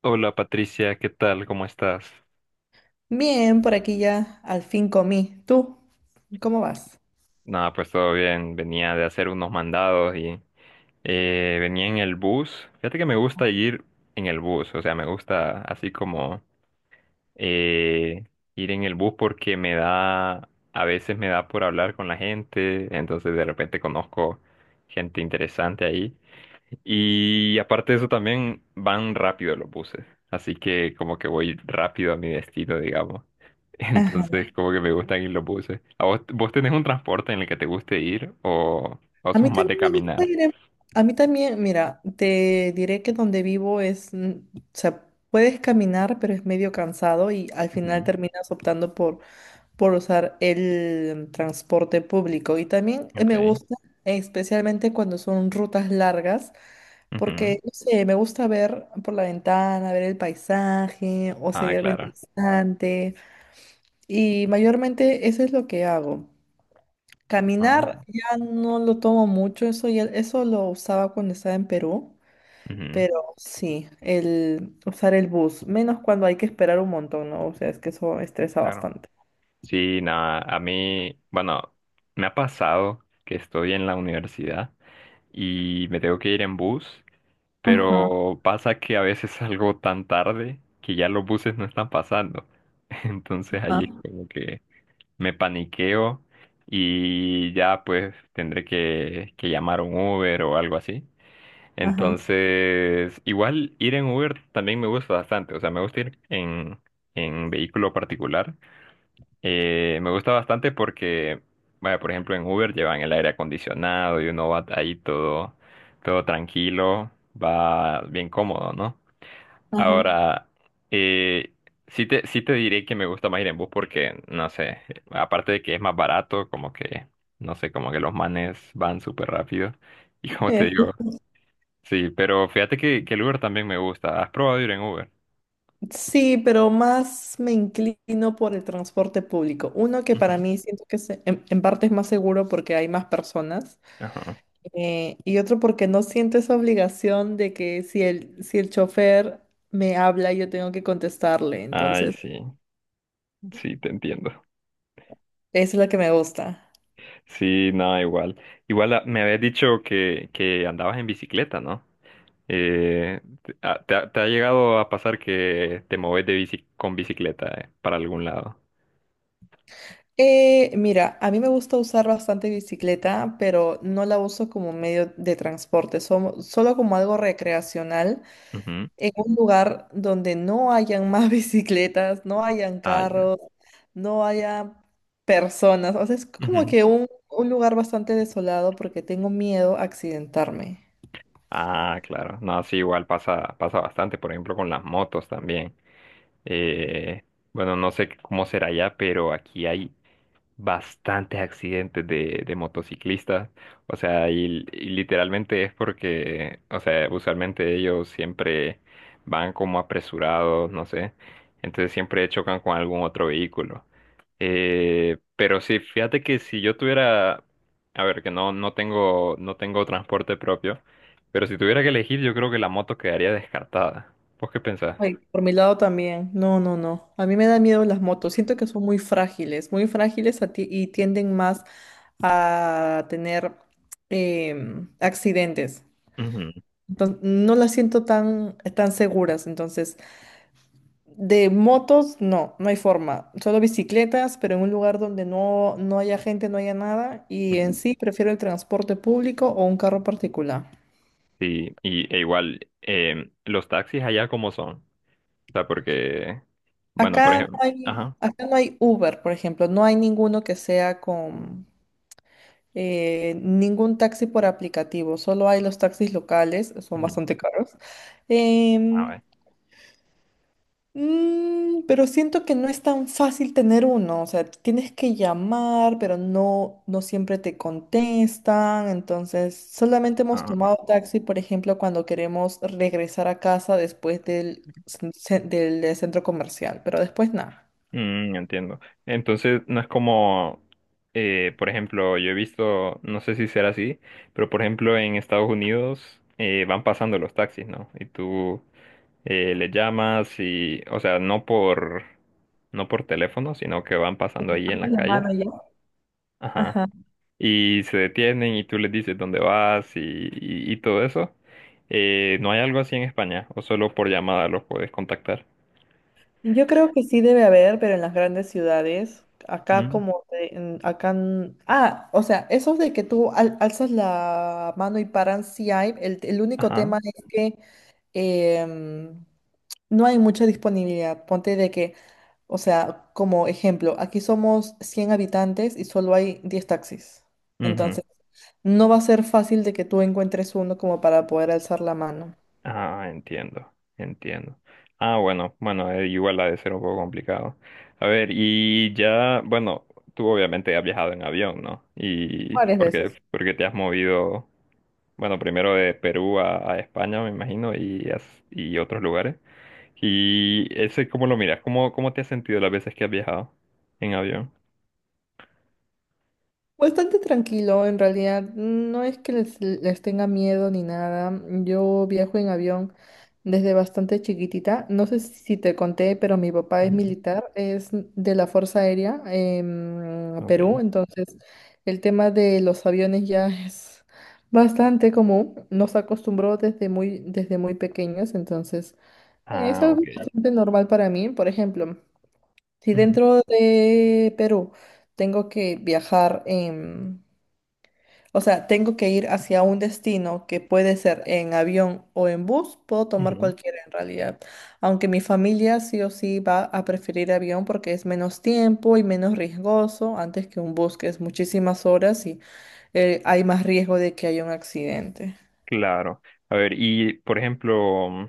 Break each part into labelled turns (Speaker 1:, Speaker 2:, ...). Speaker 1: Hola Patricia, ¿qué tal? ¿Cómo estás?
Speaker 2: Bien, por aquí ya al fin comí. ¿Tú? ¿Cómo vas?
Speaker 1: Nada, pues todo bien. Venía de hacer unos mandados y venía en el bus. Fíjate que me gusta ir en el bus, o sea, me gusta así como eh, ir en el bus porque me da, a veces me da por hablar con la gente, entonces de repente conozco gente interesante ahí. Y aparte de eso también van rápido los buses, así que como que voy rápido a mi destino, digamos.
Speaker 2: Ajá.
Speaker 1: Entonces, como que me gusta ir lo puse. ¿A vos, vos tenés un transporte en el que te guste ir o
Speaker 2: A mí
Speaker 1: sos más de
Speaker 2: también me gusta
Speaker 1: caminar?
Speaker 2: ir en- A mí también, mira, te diré que donde vivo es, o sea, puedes caminar, pero es medio cansado y al final
Speaker 1: Ujú.
Speaker 2: terminas optando por usar el transporte público. Y también me
Speaker 1: Ok.
Speaker 2: gusta, especialmente cuando son rutas largas,
Speaker 1: Ujú.
Speaker 2: porque, no sé, me gusta ver por la ventana, ver el paisaje o si
Speaker 1: Ah,
Speaker 2: hay algo
Speaker 1: claro.
Speaker 2: interesante. Y mayormente eso es lo que hago. Caminar
Speaker 1: Ah.
Speaker 2: ya no lo tomo mucho, eso lo usaba cuando estaba en Perú,
Speaker 1: Ujú.
Speaker 2: pero sí, el usar el bus, menos cuando hay que esperar un montón, ¿no? O sea, es que eso estresa
Speaker 1: Claro.
Speaker 2: bastante.
Speaker 1: Sí, nada, a mí, bueno, me ha pasado que estoy en la universidad y me tengo que ir en bus,
Speaker 2: Ajá,
Speaker 1: pero pasa que a veces salgo tan tarde que ya los buses no están pasando. Entonces
Speaker 2: ajá,
Speaker 1: ahí es como que me paniqueo y ya pues tendré que llamar un Uber o algo así.
Speaker 2: ajá,
Speaker 1: Entonces, igual ir en Uber también me gusta bastante, o sea, me gusta ir en vehículo particular. Me gusta bastante porque, vaya, por ejemplo, en Uber llevan el aire acondicionado y uno va ahí todo, todo tranquilo, va bien cómodo, ¿no?
Speaker 2: ajá.
Speaker 1: Ahora, eh, sí te diré que me gusta más ir en bus porque, no sé, aparte de que es más barato, como que, no sé, como que los manes van súper rápido. Y como te
Speaker 2: Eh,
Speaker 1: digo, sí, pero fíjate que el Uber también me gusta. ¿Has probado ir en Uber?
Speaker 2: Sí, pero más me inclino por el transporte público. Uno que para
Speaker 1: Ujú.
Speaker 2: mí siento que es en parte es más seguro porque hay más personas.
Speaker 1: Ajá.
Speaker 2: Y otro porque no siento esa obligación de que si el chofer me habla, yo tengo que contestarle.
Speaker 1: Ay,
Speaker 2: Entonces,
Speaker 1: sí, sí, te entiendo.
Speaker 2: esa es la que me gusta.
Speaker 1: Sí, no, igual. Igual ah, me habías dicho que andabas en bicicleta, ¿no? Te ha llegado a pasar que te moves de bici, con bicicleta, para algún lado?
Speaker 2: Mira, a mí me gusta usar bastante bicicleta, pero no la uso como medio de transporte, solo como algo recreacional
Speaker 1: Ujú.
Speaker 2: en un lugar donde no hayan más bicicletas, no hayan
Speaker 1: Ah, ya.
Speaker 2: carros, no haya personas. O sea, es como
Speaker 1: Ujú.
Speaker 2: que un lugar bastante desolado porque tengo miedo a accidentarme.
Speaker 1: Ah, claro. No, sí, igual pasa, pasa bastante, por ejemplo, con las motos también. Eh, bueno, no sé cómo será allá, pero aquí hay bastantes accidentes de motociclistas. O sea, y literalmente es porque, o sea, usualmente ellos siempre van como apresurados, no sé. Entonces siempre chocan con algún otro vehículo. Pero sí, fíjate que si yo tuviera, a ver, que no, no tengo transporte propio. Pero si tuviera que elegir, yo creo que la moto quedaría descartada. ¿Vos qué pensás?
Speaker 2: Ay, por mi lado también. No, no, no. A mí me da miedo las motos. Siento que son muy frágiles y tienden más a tener accidentes.
Speaker 1: Ujú.
Speaker 2: Entonces, no las siento tan, tan seguras. Entonces, de motos, no, no hay forma. Solo bicicletas, pero en un lugar donde no, no haya gente, no haya nada. Y en sí, prefiero el transporte público o un carro particular.
Speaker 1: Sí, y igual, los taxis allá como son. O sea, porque, bueno, por
Speaker 2: Acá no
Speaker 1: ejemplo,
Speaker 2: hay,
Speaker 1: ajá,
Speaker 2: acá no hay Uber, por ejemplo. No hay ninguno que sea con ningún taxi por aplicativo, solo hay los taxis locales, son
Speaker 1: ujú,
Speaker 2: bastante caros.
Speaker 1: a
Speaker 2: Em,
Speaker 1: ver,
Speaker 2: pero siento que no es tan fácil tener uno, o sea, tienes que llamar, pero no, no siempre te contestan, entonces solamente
Speaker 1: ah,
Speaker 2: hemos
Speaker 1: ah, ah.
Speaker 2: tomado taxi, por ejemplo, cuando queremos regresar a casa después del centro comercial, pero después nada.
Speaker 1: Mm, entiendo. Entonces, no es como, por ejemplo, yo he visto, no sé si será así, pero por ejemplo, en Estados Unidos van pasando los taxis, ¿no? Y tú le llamas y, o sea, no por teléfono, sino que van pasando ahí en
Speaker 2: Levantas
Speaker 1: la
Speaker 2: la
Speaker 1: calle.
Speaker 2: mano ya.
Speaker 1: Ajá.
Speaker 2: Ajá.
Speaker 1: Y se detienen y tú les dices dónde vas y todo eso. ¿No hay algo así en España? ¿O solo por llamada los puedes contactar?
Speaker 2: Yo creo que sí debe haber, pero en las grandes ciudades, acá
Speaker 1: Mm.
Speaker 2: como, te- en- acá, n- ah, o sea, esos de que tú al- alzas la mano y paran, sí hay, el único
Speaker 1: Ajá.
Speaker 2: tema es que em, no hay mucha disponibilidad. Ponte de que, o sea, como ejemplo, aquí somos 100 habitantes y solo hay 10 taxis.
Speaker 1: Ujú.
Speaker 2: Entonces, no va a ser fácil de que tú encuentres uno como para poder alzar la mano.
Speaker 1: Ah, entiendo, entiendo. Ah, bueno, bueno, igual ha de ser un poco complicado. A ver, y ya, bueno, tú obviamente has viajado en avión, ¿no? Y
Speaker 2: Varias veces.
Speaker 1: porque te has movido. Bueno, primero de Perú a España, me imagino, y otros lugares. ¿Y ese cómo lo miras? ¿Cómo, cómo te has sentido las veces que has viajado en avión?
Speaker 2: Bastante tranquilo, en realidad. No es que les tenga miedo ni nada. Yo viajo en avión desde bastante chiquitita. No sé si te conté, pero mi papá es
Speaker 1: Ujú.
Speaker 2: militar, es de la Fuerza Aérea en
Speaker 1: Ok.
Speaker 2: Perú, entonces el tema de los aviones ya es bastante común. Nos acostumbró desde muy pequeños, entonces es
Speaker 1: Ah,
Speaker 2: algo
Speaker 1: ok.
Speaker 2: bastante normal para mí. Por ejemplo, si
Speaker 1: Ujú,
Speaker 2: dentro de Perú tengo que viajar en o sea, tengo que ir hacia un destino que puede ser en avión o en bus, puedo tomar
Speaker 1: ujú.
Speaker 2: cualquiera en realidad. Aunque mi familia sí o sí va a preferir avión porque es menos tiempo y menos riesgoso antes que un bus, que es muchísimas horas y hay más riesgo de que haya un accidente.
Speaker 1: Claro. A ver, y por ejemplo, mm,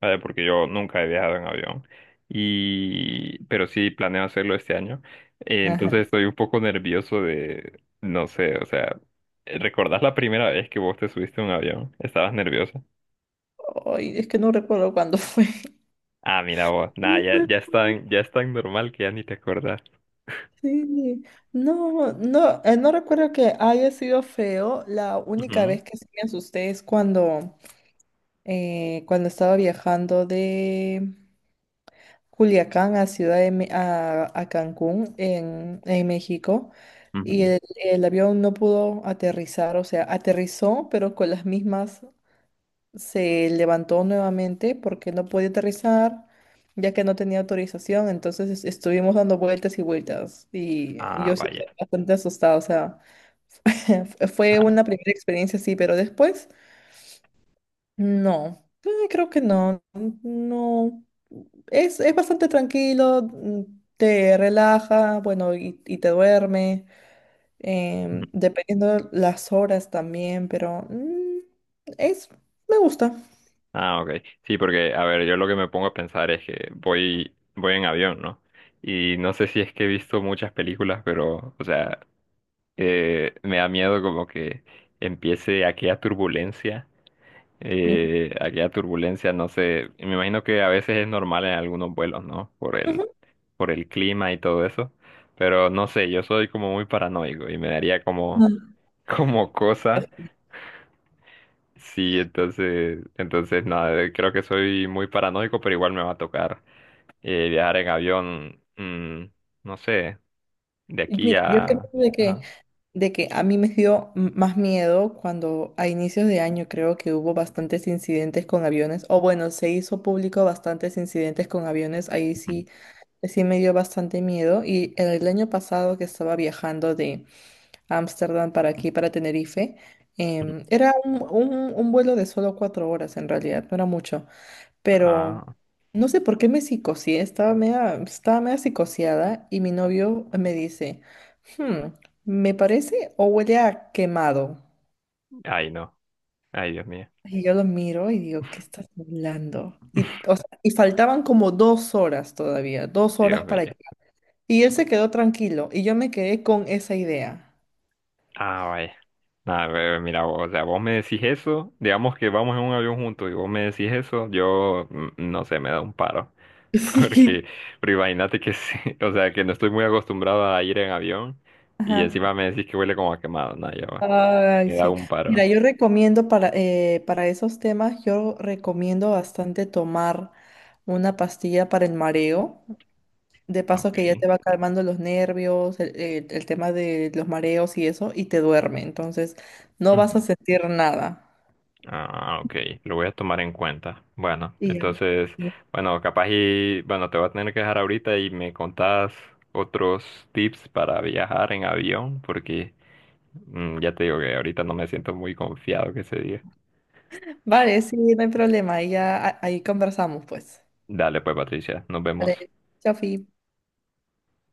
Speaker 1: a ver, porque yo nunca he viajado en avión, y pero sí planeo hacerlo este año.
Speaker 2: Ajá.
Speaker 1: Entonces estoy un poco nervioso de, no sé, o sea, ¿recordás la primera vez que vos te subiste a un avión? ¿Estabas nervioso?
Speaker 2: Ay, es que no recuerdo cuándo fue.
Speaker 1: Ah, mira vos. Nada,
Speaker 2: No,
Speaker 1: ya es tan normal que ya ni te acordás.
Speaker 2: sí, no, no, no recuerdo que haya sido feo. La única
Speaker 1: Ujú,
Speaker 2: vez que sí me asusté es cuando cuando estaba viajando de Culiacán a a Cancún en México y
Speaker 1: ujú.
Speaker 2: el avión no pudo aterrizar, o sea, aterrizó, pero con las mismas se levantó nuevamente porque no podía aterrizar ya que no tenía autorización, entonces estuvimos dando vueltas y vueltas y
Speaker 1: Ah,
Speaker 2: yo sí
Speaker 1: vaya.
Speaker 2: estaba bastante asustada, o sea, fue
Speaker 1: Ah,
Speaker 2: una primera experiencia, sí, pero después... No, creo que no, no, es bastante tranquilo, te relaja, bueno, y te duerme,
Speaker 1: ujú.
Speaker 2: dependiendo las horas también, pero es, me gusta.
Speaker 1: Ah, ok. Sí, porque, a ver, yo lo que me pongo a pensar es que voy, voy en avión, ¿no? Y no sé si es que he visto muchas películas, pero, o sea, me da miedo como que empiece aquella turbulencia.
Speaker 2: Ujú,
Speaker 1: Aquella turbulencia, no sé, me imagino que a veces es normal en algunos vuelos, ¿no?
Speaker 2: ujú.
Speaker 1: Por el clima y todo eso, pero no sé, yo soy como muy paranoico y me daría como,
Speaker 2: Ah,
Speaker 1: como cosa, sí, entonces, entonces nada, creo que soy muy paranoico, pero igual me va a tocar viajar en avión, mm, no sé, de
Speaker 2: y
Speaker 1: aquí
Speaker 2: mira, yo creo
Speaker 1: a...
Speaker 2: de que,
Speaker 1: Ajá.
Speaker 2: de que a mí me dio más miedo cuando a inicios de año creo que hubo bastantes incidentes con aviones, o bueno, se hizo público bastantes incidentes con aviones, ahí sí. Sí me dio bastante miedo y el año pasado que estaba viajando de Ámsterdam para aquí, para Tenerife,
Speaker 1: Ujú.
Speaker 2: era un vuelo de solo 4 horas en realidad, no era mucho, pero
Speaker 1: Ah,
Speaker 2: no sé por qué me psicoseé, estaba media psicoseada y mi novio me dice, "Hmm, ¿me parece o huele a quemado?"
Speaker 1: ay no, ay Dios mío,
Speaker 2: Y yo lo miro y digo, ¿qué estás hablando? Y, o sea, y faltaban como 2 horas todavía, 2 horas
Speaker 1: Dios
Speaker 2: para
Speaker 1: mío.
Speaker 2: Y él se quedó tranquilo y yo me quedé con esa idea.
Speaker 1: Ah, vaya. Nada, pero mira, vos, o sea, vos me decís eso, digamos que vamos en un avión juntos y vos me decís eso, yo mm, no sé, me da un paro.
Speaker 2: Sí.
Speaker 1: Porque, pero imagínate que sí, o sea, que no estoy muy acostumbrado a ir en avión y
Speaker 2: Ajá.
Speaker 1: encima me decís que huele como a quemado, nada, ya va.
Speaker 2: Ay,
Speaker 1: Me da
Speaker 2: sí.
Speaker 1: un paro.
Speaker 2: Mira, yo recomiendo para esos temas, yo recomiendo bastante tomar una pastilla para el mareo. De paso que ya
Speaker 1: Ok.
Speaker 2: te va calmando los nervios, el tema de los mareos y eso, y te duerme. Entonces, no vas a
Speaker 1: Ujú.
Speaker 2: sentir nada.
Speaker 1: Ah, ok, lo voy a tomar en cuenta. Bueno,
Speaker 2: Y ya.
Speaker 1: entonces,
Speaker 2: Sí.
Speaker 1: bueno, capaz y, bueno, te voy a tener que dejar ahorita y me contás otros tips para viajar en avión, porque mm, ya te digo que ahorita no me siento muy confiado que se diga.
Speaker 2: Vale, sí, no hay problema. Y ya ahí conversamos, pues.
Speaker 1: Dale pues, Patricia, nos vemos.
Speaker 2: Vale, chao, Fi.